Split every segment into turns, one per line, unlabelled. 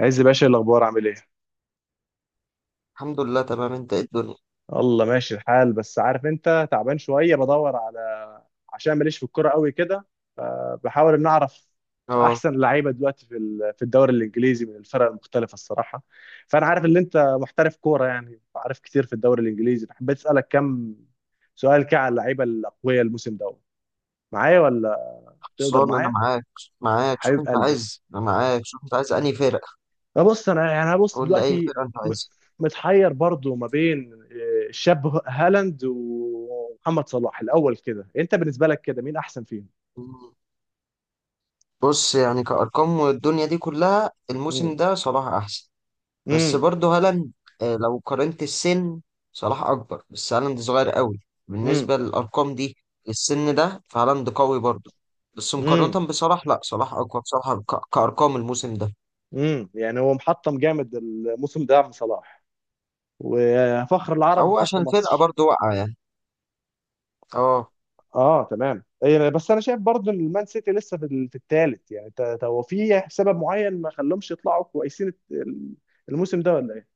عز باشا، إيه الاخبار؟ عامل ايه؟
الحمد لله تمام، انت ايه الدنيا؟
الله ماشي الحال، بس عارف انت تعبان شويه بدور على، عشان ماليش في الكوره قوي كده. بحاول ان اعرف
اه.
احسن لعيبه دلوقتي في الدوري الانجليزي من الفرق المختلفه الصراحه. فانا عارف ان انت محترف كوره، يعني عارف كتير في الدوري الانجليزي، حبيت اسالك كم سؤال كده على اللعيبه الاقوياء الموسم ده. معايا ولا تقدر
خلصان انا
معايا؟
معاك. معاك شوف
حبيب
انت
قلبي.
عايز انا معاك، شوف انت عايز انهي فرقه.
لا بص انا يعني انا بص
قول لي اي
دلوقتي.
فرقه انت
م-
عايزها.
متحير برضو ما بين الشاب هالاند ومحمد صلاح. الاول كده انت بالنسبه لك كده مين احسن فيهم؟
مم. بص يعني كارقام والدنيا دي كلها،
امم
الموسم ده صلاح احسن. بس
امم
برضه هالاند. لو قارنت السن، صلاح اكبر بس هالاند صغير قوي.
امم
بالنسبه للارقام دي، السن ده فهالاند قوي برضه. بس
امم
مقارنه بصلاح، لا، صلاح اقوى بصراحه كارقام الموسم ده.
يعني هو محطم جامد الموسم ده عم صلاح، وفخر العرب
هو عشان
وفخر
الفرقه
مصر.
برضه واقعه يعني. اه.
اه تمام. بس انا شايف برضو ان المان سيتي لسه في الثالث، يعني هو في سبب معين ما خلهمش يطلعوا كويسين الموسم ده ولا ايه؟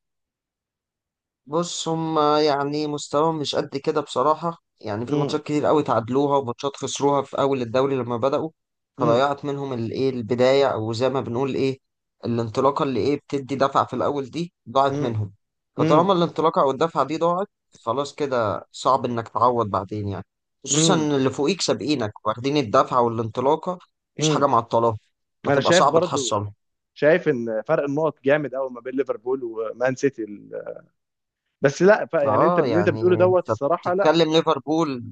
بص هما يعني مستواهم مش قد كده بصراحة، يعني في
امم
ماتشات كتير قوي تعادلوها وماتشات خسروها في أول الدوري لما بدأوا.
امم
فضيعت منهم الإيه البداية، أو زي ما بنقول إيه الانطلاقة اللي إيه بتدي دفعة في الأول دي ضاعت منهم.
امم
فطالما الانطلاقة أو الدفعة دي ضاعت، خلاص كده صعب إنك تعوض بعدين يعني. خصوصا
امم
إن اللي فوقيك سابقينك واخدين الدفعة والانطلاقة، مفيش حاجة
امم
معطلاهم.
انا
فتبقى
شايف
صعب
برضو،
تحصلها.
شايف ان فرق النقط جامد قوي ما بين ليفربول ومان سيتي بس لا، يعني انت
اه،
اللي انت بتقوله
يعني
دوت
انت
الصراحه، لا.
بتتكلم ليفربول.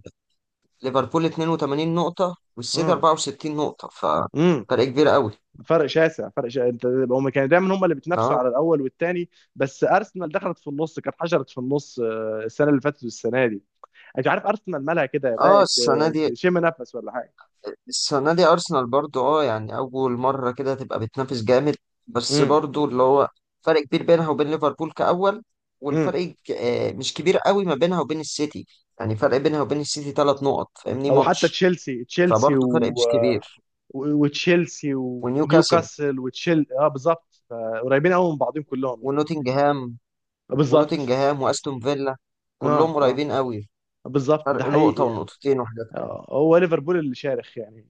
ليفربول 82 نقطة والسيتي
امم
64 نقطة،
امم
ففرق كبير قوي.
فرق شاسع، فرق شاسع. انت هم كانوا دايما هم اللي بيتنافسوا على
اه
الاول والثاني، بس ارسنال دخلت في النص، كانت حشرت في النص السنه اللي فاتت والسنه دي. انت عارف ارسنال مالها كده
اه،
بدات
السنة دي،
تشم نفس ولا حاجه؟
السنة دي أرسنال برضو، اه، يعني أول مرة كده تبقى بتنافس جامد. بس
امم
برضو اللي هو فرق كبير بينها وبين ليفربول كأول.
امم
والفرق مش كبير قوي ما بينها وبين السيتي. يعني فرق بينها وبين السيتي 3 نقط فاهمني،
او حتى
ماتش.
تشيلسي تشيلسي،
فبرضو فرق مش كبير.
وتشيلسي
ونيوكاسل
ونيوكاسل اه بالظبط، قريبين قوي من بعضهم كلهم يعني.
ونوتنجهام.
بالظبط.
ونوتنجهام وأستون فيلا،
اه
كلهم
اه،
قريبين قوي.
بالظبط، ده
فرق
حقيقي
نقطة
يعني.
ونقطتين وحاجات.
هو ليفربول اللي شارخ يعني،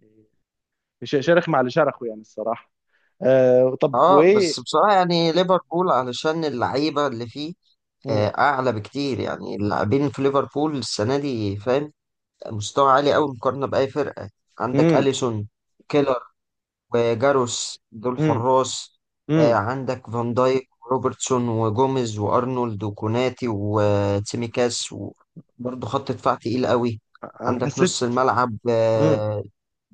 شارخ مع اللي شرخه يعني الصراحه. طب
اه بس
وايه؟
بصراحة يعني ليفربول، علشان اللعيبة اللي فيه
مم.
أعلى بكتير، يعني اللاعبين في ليفربول السنة دي فاهم، مستوى عالي أوي مقارنة بأي فرقة. عندك
مم.
أليسون، كيلر وجاروس، دول
مم.
حراس.
مم.
عندك فان دايك وروبرتسون وجوميز وارنولد وكوناتي وتيميكاس، وبرضه خط دفاع تقيل قوي.
انا
عندك
حسيت.
نص الملعب،
مم.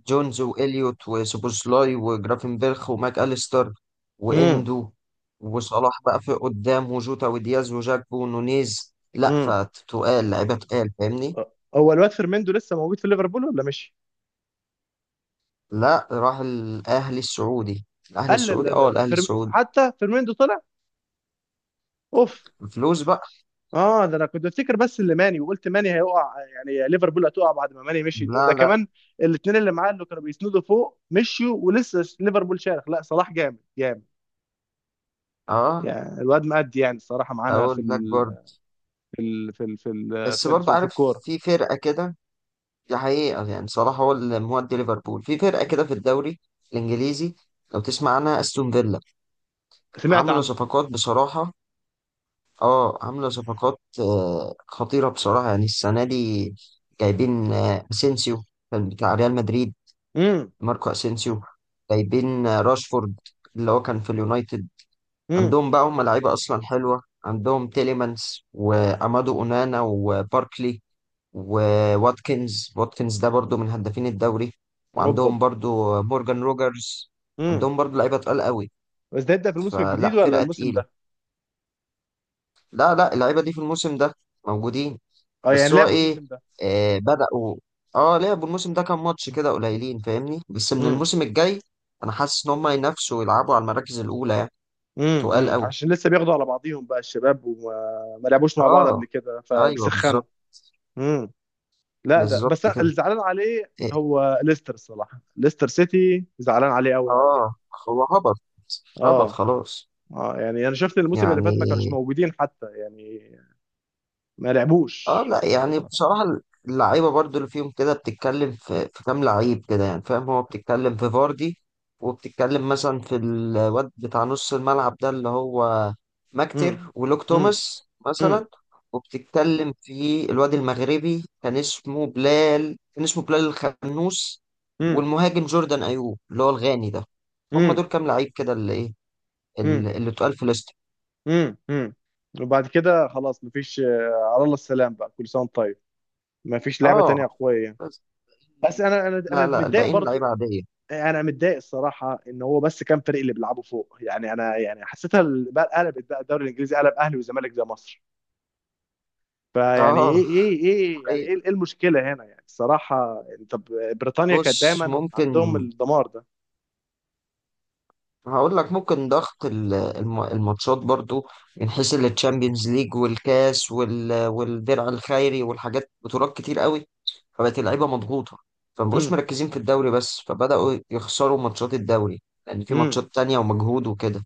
جونز وإليوت وسوبوسلاي وجرافنبرخ وماك أليستر
مم.
وإندو. وصلاح بقى في قدام وجوتا ودياز وجاكبو ونونيز، لا
مم.
فتقال، لعيبة تقال فاهمني.
هو الواد فيرميندو لسه موجود في ليفربول ولا مش؟
لا، راح الأهلي السعودي. الأهلي
لا لا
السعودي،
لا
اه
لا،
الأهلي السعودي.
حتى فيرميندو طلع. اوف.
فلوس بقى.
اه، ده انا كنت بفتكر بس اللي ماني، وقلت ماني هيقع، يعني ليفربول هتقع بعد ما ماني مشي، ده
لا لا.
كمان الاثنين اللي معاه اللي كانوا بيسندوا فوق مشيوا، ولسه ليفربول شارخ. لا صلاح جامد جامد،
اه،
يعني الواد مأدي يعني الصراحة معانا في
اقول لك
ال
برضه.
في ال في ال في ال
بس
في,
برضه
في
عارف
الكورة.
في فرقه كده، دي حقيقه يعني، صلاح هو اللي مودي ليفربول في فرقه كده في الدوري الانجليزي. لو تسمع عنها، استون فيلا،
سمعت
عامله
عنه.
صفقات بصراحه. اه، عامله صفقات خطيره بصراحه يعني السنه دي. جايبين اسينسيو، كان بتاع ريال مدريد.
امم
ماركو اسينسيو. جايبين راشفورد، اللي هو كان في اليونايتد.
امم
عندهم بقى هم لعيبه اصلا حلوه، عندهم تيليمانس وامادو اونانا وباركلي وواتكنز. واتكنز ده برضو من هدافين الدوري.
اوب اوب
وعندهم برضو مورجان روجرز.
امم
عندهم برضو لعيبة تقال قوي.
بس ده يبدأ في الموسم الجديد
فلا،
ولا
فرقة
الموسم
تقيلة.
ده؟
لا لا، اللعيبة دي في الموسم ده موجودين.
اه
بس
يعني
هو
لعبوا
ايه،
الموسم ده.
بدأوا. اه، لعبوا الموسم ده كام ماتش كده قليلين فاهمني، بس من
امم
الموسم الجاي انا حاسس ان هم ينافسوا ويلعبوا على المراكز الاولى يعني. تقال قوي.
عشان لسه بياخدوا على بعضيهم بقى الشباب، وما ما لعبوش مع بعض قبل
اه.
كده
ايوه
فبيسخنوا.
بالظبط.
لا ده
بالظبط
بس أنا اللي
كده.
زعلان عليه
إيه،
هو ليستر الصراحه، ليستر سيتي زعلان عليه قوي قوي.
اه. هو هبط. هبط
اه
خلاص.
اه يعني انا شفت الموسم اللي
يعني،
فات ما كانوش موجودين حتى يعني، ما
اه،
لعبوش.
لا يعني بصراحة اللعيبة برضو اللي فيهم كده، بتتكلم في في كام لعيب كده يعني فاهم، هو بتتكلم في فاردي، وبتتكلم مثلا في الواد بتاع نص الملعب ده اللي هو
امم
ماكتر، ولوك
امم
توماس
امم
مثلا. وبتتكلم في الواد المغربي، كان اسمه بلال، كان اسمه بلال الخنوس.
امم
والمهاجم جوردان أيوب اللي هو الغاني ده. هم
امم
دول كام لعيب كده اللي ايه
امم
اللي اتقال في ليست.
امم امم وبعد كده خلاص مفيش. على الله السلام بقى، كل سنه وانت طيب. مفيش لعبه
اه
تانية قويه.
بس.
بس انا
لا لا،
متضايق
الباقيين لعيبة
برضو،
عادية.
انا متضايق الصراحه ان هو بس كام فريق اللي بيلعبوا فوق يعني. انا يعني حسيتها بقى قلبت بقى الدوري الانجليزي قلب اهلي وزمالك زي مصر. فيعني ايه
اه.
ايه ايه يعني
أي.
ايه إيه المشكله هنا يعني الصراحه؟ يعني، طب بريطانيا كانت
بص،
دايما
ممكن
عندهم الدمار ده.
هقول لك ممكن ضغط الماتشات برضو، من حيث التشامبيونز ليج والكاس والدرع الخيري والحاجات، بطولات كتير قوي، فبقت اللعيبه مضغوطه، فمبقوش
امم
مركزين في الدوري بس، فبداوا يخسروا ماتشات الدوري لان في
امم
ماتشات تانية ومجهود وكده.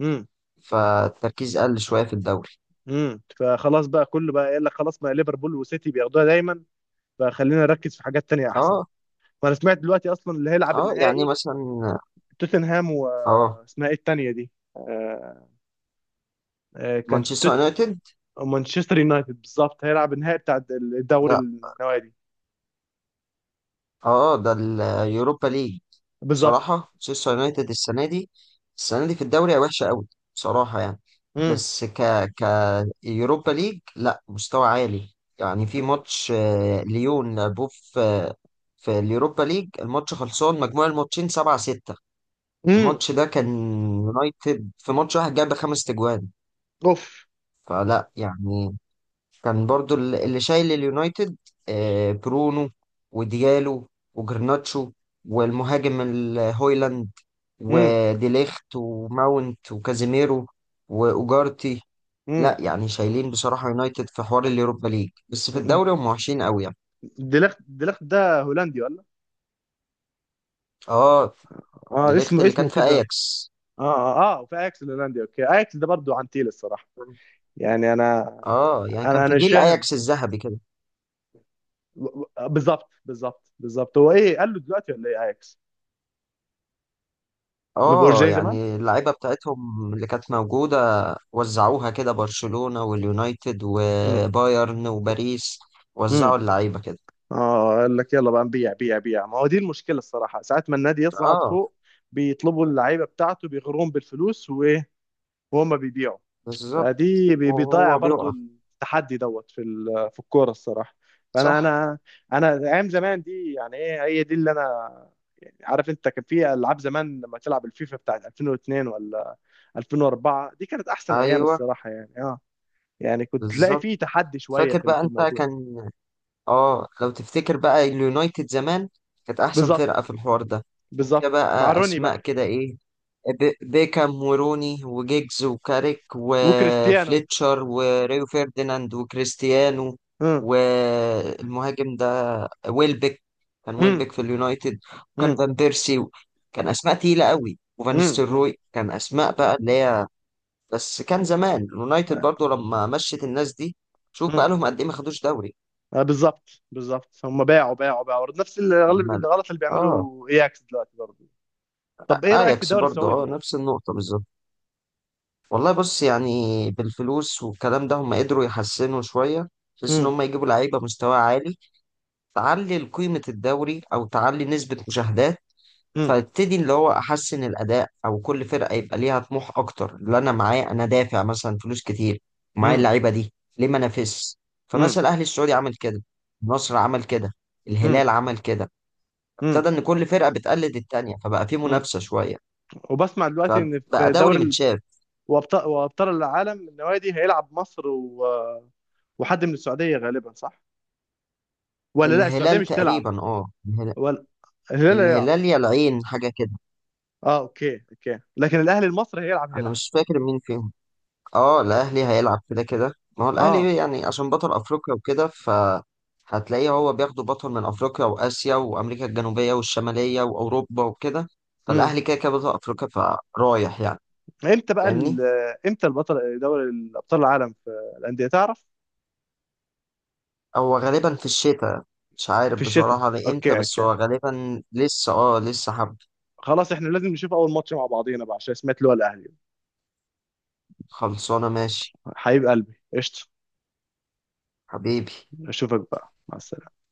امم
فالتركيز قل شويه في الدوري.
فخلاص بقى كله بقى قال لك خلاص، ما ليفربول وسيتي بياخدوها دايما، فخلينا نركز في حاجات تانية احسن.
اه.
وانا سمعت دلوقتي اصلا اللي هيلعب
اه، يعني
النهائي
مثلا.
توتنهام و،
اه،
اسمها ايه التانية دي؟ آه، كانت
مانشستر يونايتد.
مانشستر يونايتد بالظبط، هيلعب النهائي بتاع الدوري
ده
النوادي.
اه ده اليوروبا ليج. بصراحة
بالظبط.
مانشستر يونايتد السنة دي، السنة دي في الدوري وحشة قوي بصراحة يعني.
امم
بس ك يوروبا ليج، لا، مستوى عالي. يعني في ماتش ليون لعبوه في اليوروبا ليج، الماتش خلصان مجموع الماتشين 7-6.
امم
الماتش ده كان يونايتد في ماتش واحد جاب 5 تجوان.
اوف.
فلا يعني، كان برضو اللي شايل اليونايتد، برونو وديالو وجرناتشو، والمهاجم هويلاند
امم
وديليخت وماونت وكازيميرو واوجارتي. لا يعني، شايلين بصراحة يونايتد في حوار اليوروبا ليج، بس في
امم
الدوري هم وحشين قوي يعني.
ديليخت، ديليخت ده هولندي ولا؟
اه.
اه
ديليخت
اسمه
اللي كان
اسمه
في
كده.
اياكس.
اه اه اه، وفي اياكس الهولندي. اوكي، اياكس ده برضه عنتيل الصراحه، يعني انا
اه، يعني كان في
مش
جيل
فاهم.
اياكس الذهبي كده.
بالظبط بالظبط بالظبط، هو ايه قال له دلوقتي ولا ايه اياكس؟ ما بقوش
اه،
زي زمان.
يعني اللعيبة بتاعتهم اللي كانت موجودة، وزعوها كده برشلونة واليونايتد
امم
وبايرن وباريس.
امم
وزعوا اللعيبة كده.
اه قال لك يلا بقى نبيع بيع بيع، ما هو دي المشكله الصراحه، ساعات ما النادي يصعد
اه
فوق بيطلبوا اللعيبه بتاعته، بيغروهم بالفلوس وايه، وهم بيبيعوا.
بالظبط.
فدي بيضيع
وهو
برضو
بيقع.
التحدي دوت في الكوره الصراحه. فانا
صح.
انا انا ايام زمان دي يعني ايه، هي دي اللي انا، يعني عارف انت كان في العاب زمان لما تلعب الفيفا بتاعت 2002 ولا 2004، دي كانت احسن ايام
ايوه
الصراحه يعني اه. يعني كنت تلاقي
بالظبط.
فيه تحدي شويه
فاكر
في
بقى
في
انت
الموضوع.
كان، اه لو تفتكر بقى اليونايتد زمان كانت احسن فرقة في
بالظبط
الحوار ده. كان فيها
بالظبط مع
بقى
روني
اسماء
بقى،
كده ايه، بيكام وروني وجيجز وكاريك
وكريستيانو.
وفليتشر وريو فيرديناند وكريستيانو.
امم
والمهاجم ده، ويلبك. كان ويلبك في اليونايتد. وكان
امم
فان بيرسي. كان اسماء تقيله قوي، وفان
امم
ستروي، كان اسماء بقى اللي هي. بس كان زمان اليونايتد برضو لما مشت الناس دي، شوف بقى
امم
لهم قد ايه ما خدوش دوري.
بالظبط بالظبط، هم باعوا باعوا باعوا نفس
عماله.
الغلط اللي
اه.
بيعمله اياكس دلوقتي برضه. طب ايه رايك في
اياكس
الدوري
برضو،
السعودي؟
اه نفس النقطه بالظبط. والله بص يعني، بالفلوس والكلام ده هم قدروا يحسنوا شوية، بحيث إن
مم،
هم يجيبوا لعيبة مستوى عالي، تعلي قيمة الدوري أو تعلي نسبة مشاهدات.
مم،
فابتدي اللي هو أحسن الأداء، أو كل فرقة يبقى ليها طموح أكتر، اللي أنا معايا أنا دافع مثلا فلوس كتير ومعايا
مم،
اللعيبة دي، ليه ما أنافسش.
مم،
فمثلا الأهلي السعودي عمل كده. النصر عمل كده.
مم،
الهلال عمل كده.
مم،
ابتدى إن كل فرقة بتقلد التانية، فبقى في
مم.
منافسة شوية.
وبسمع دلوقتي ان
فبقى
في
دوري
دوري
متشاف.
وابطال العالم النوادي، هيلعب مصر وحد من السعوديه غالبا، صح؟ ولا لا السعوديه
الهلال
مش تلعب
تقريبا، اه.
ولا؟ الهلال هيلعب؟
الهلال يا العين حاجة كده.
اه اوكي اوكي، لكن الاهلي المصري هيلعب،
أنا
هيلعب.
مش فاكر مين فيهم. اه، الأهلي هيلعب كده كده، ما هو
اه.
الأهلي يعني عشان بطل أفريقيا وكده، ف هتلاقيه هو بياخدوا بطل من أفريقيا وآسيا وأمريكا الجنوبية والشمالية وأوروبا وكده.
امم.
فالأهلي كده كده بطل أفريقيا. فرايح يعني.
امتى بقى
فاهمني.
امتى البطل دوري الابطال العالم في الانديه، تعرف؟
هو غالبا في الشتاء. مش عارف
في الشتاء.
بصراحة لإمتى،
اوكي
بس
اوكي.
هو غالبا لسه، اه لسه حب.
خلاص احنا لازم نشوف اول ماتش مع بعضينا بقى، عشان سمعت اللي هو الاهلي.
خلصانة ماشي.
حبيب قلبي، قشطه.
حبيبي.
اشوفك بقى، مع السلامه.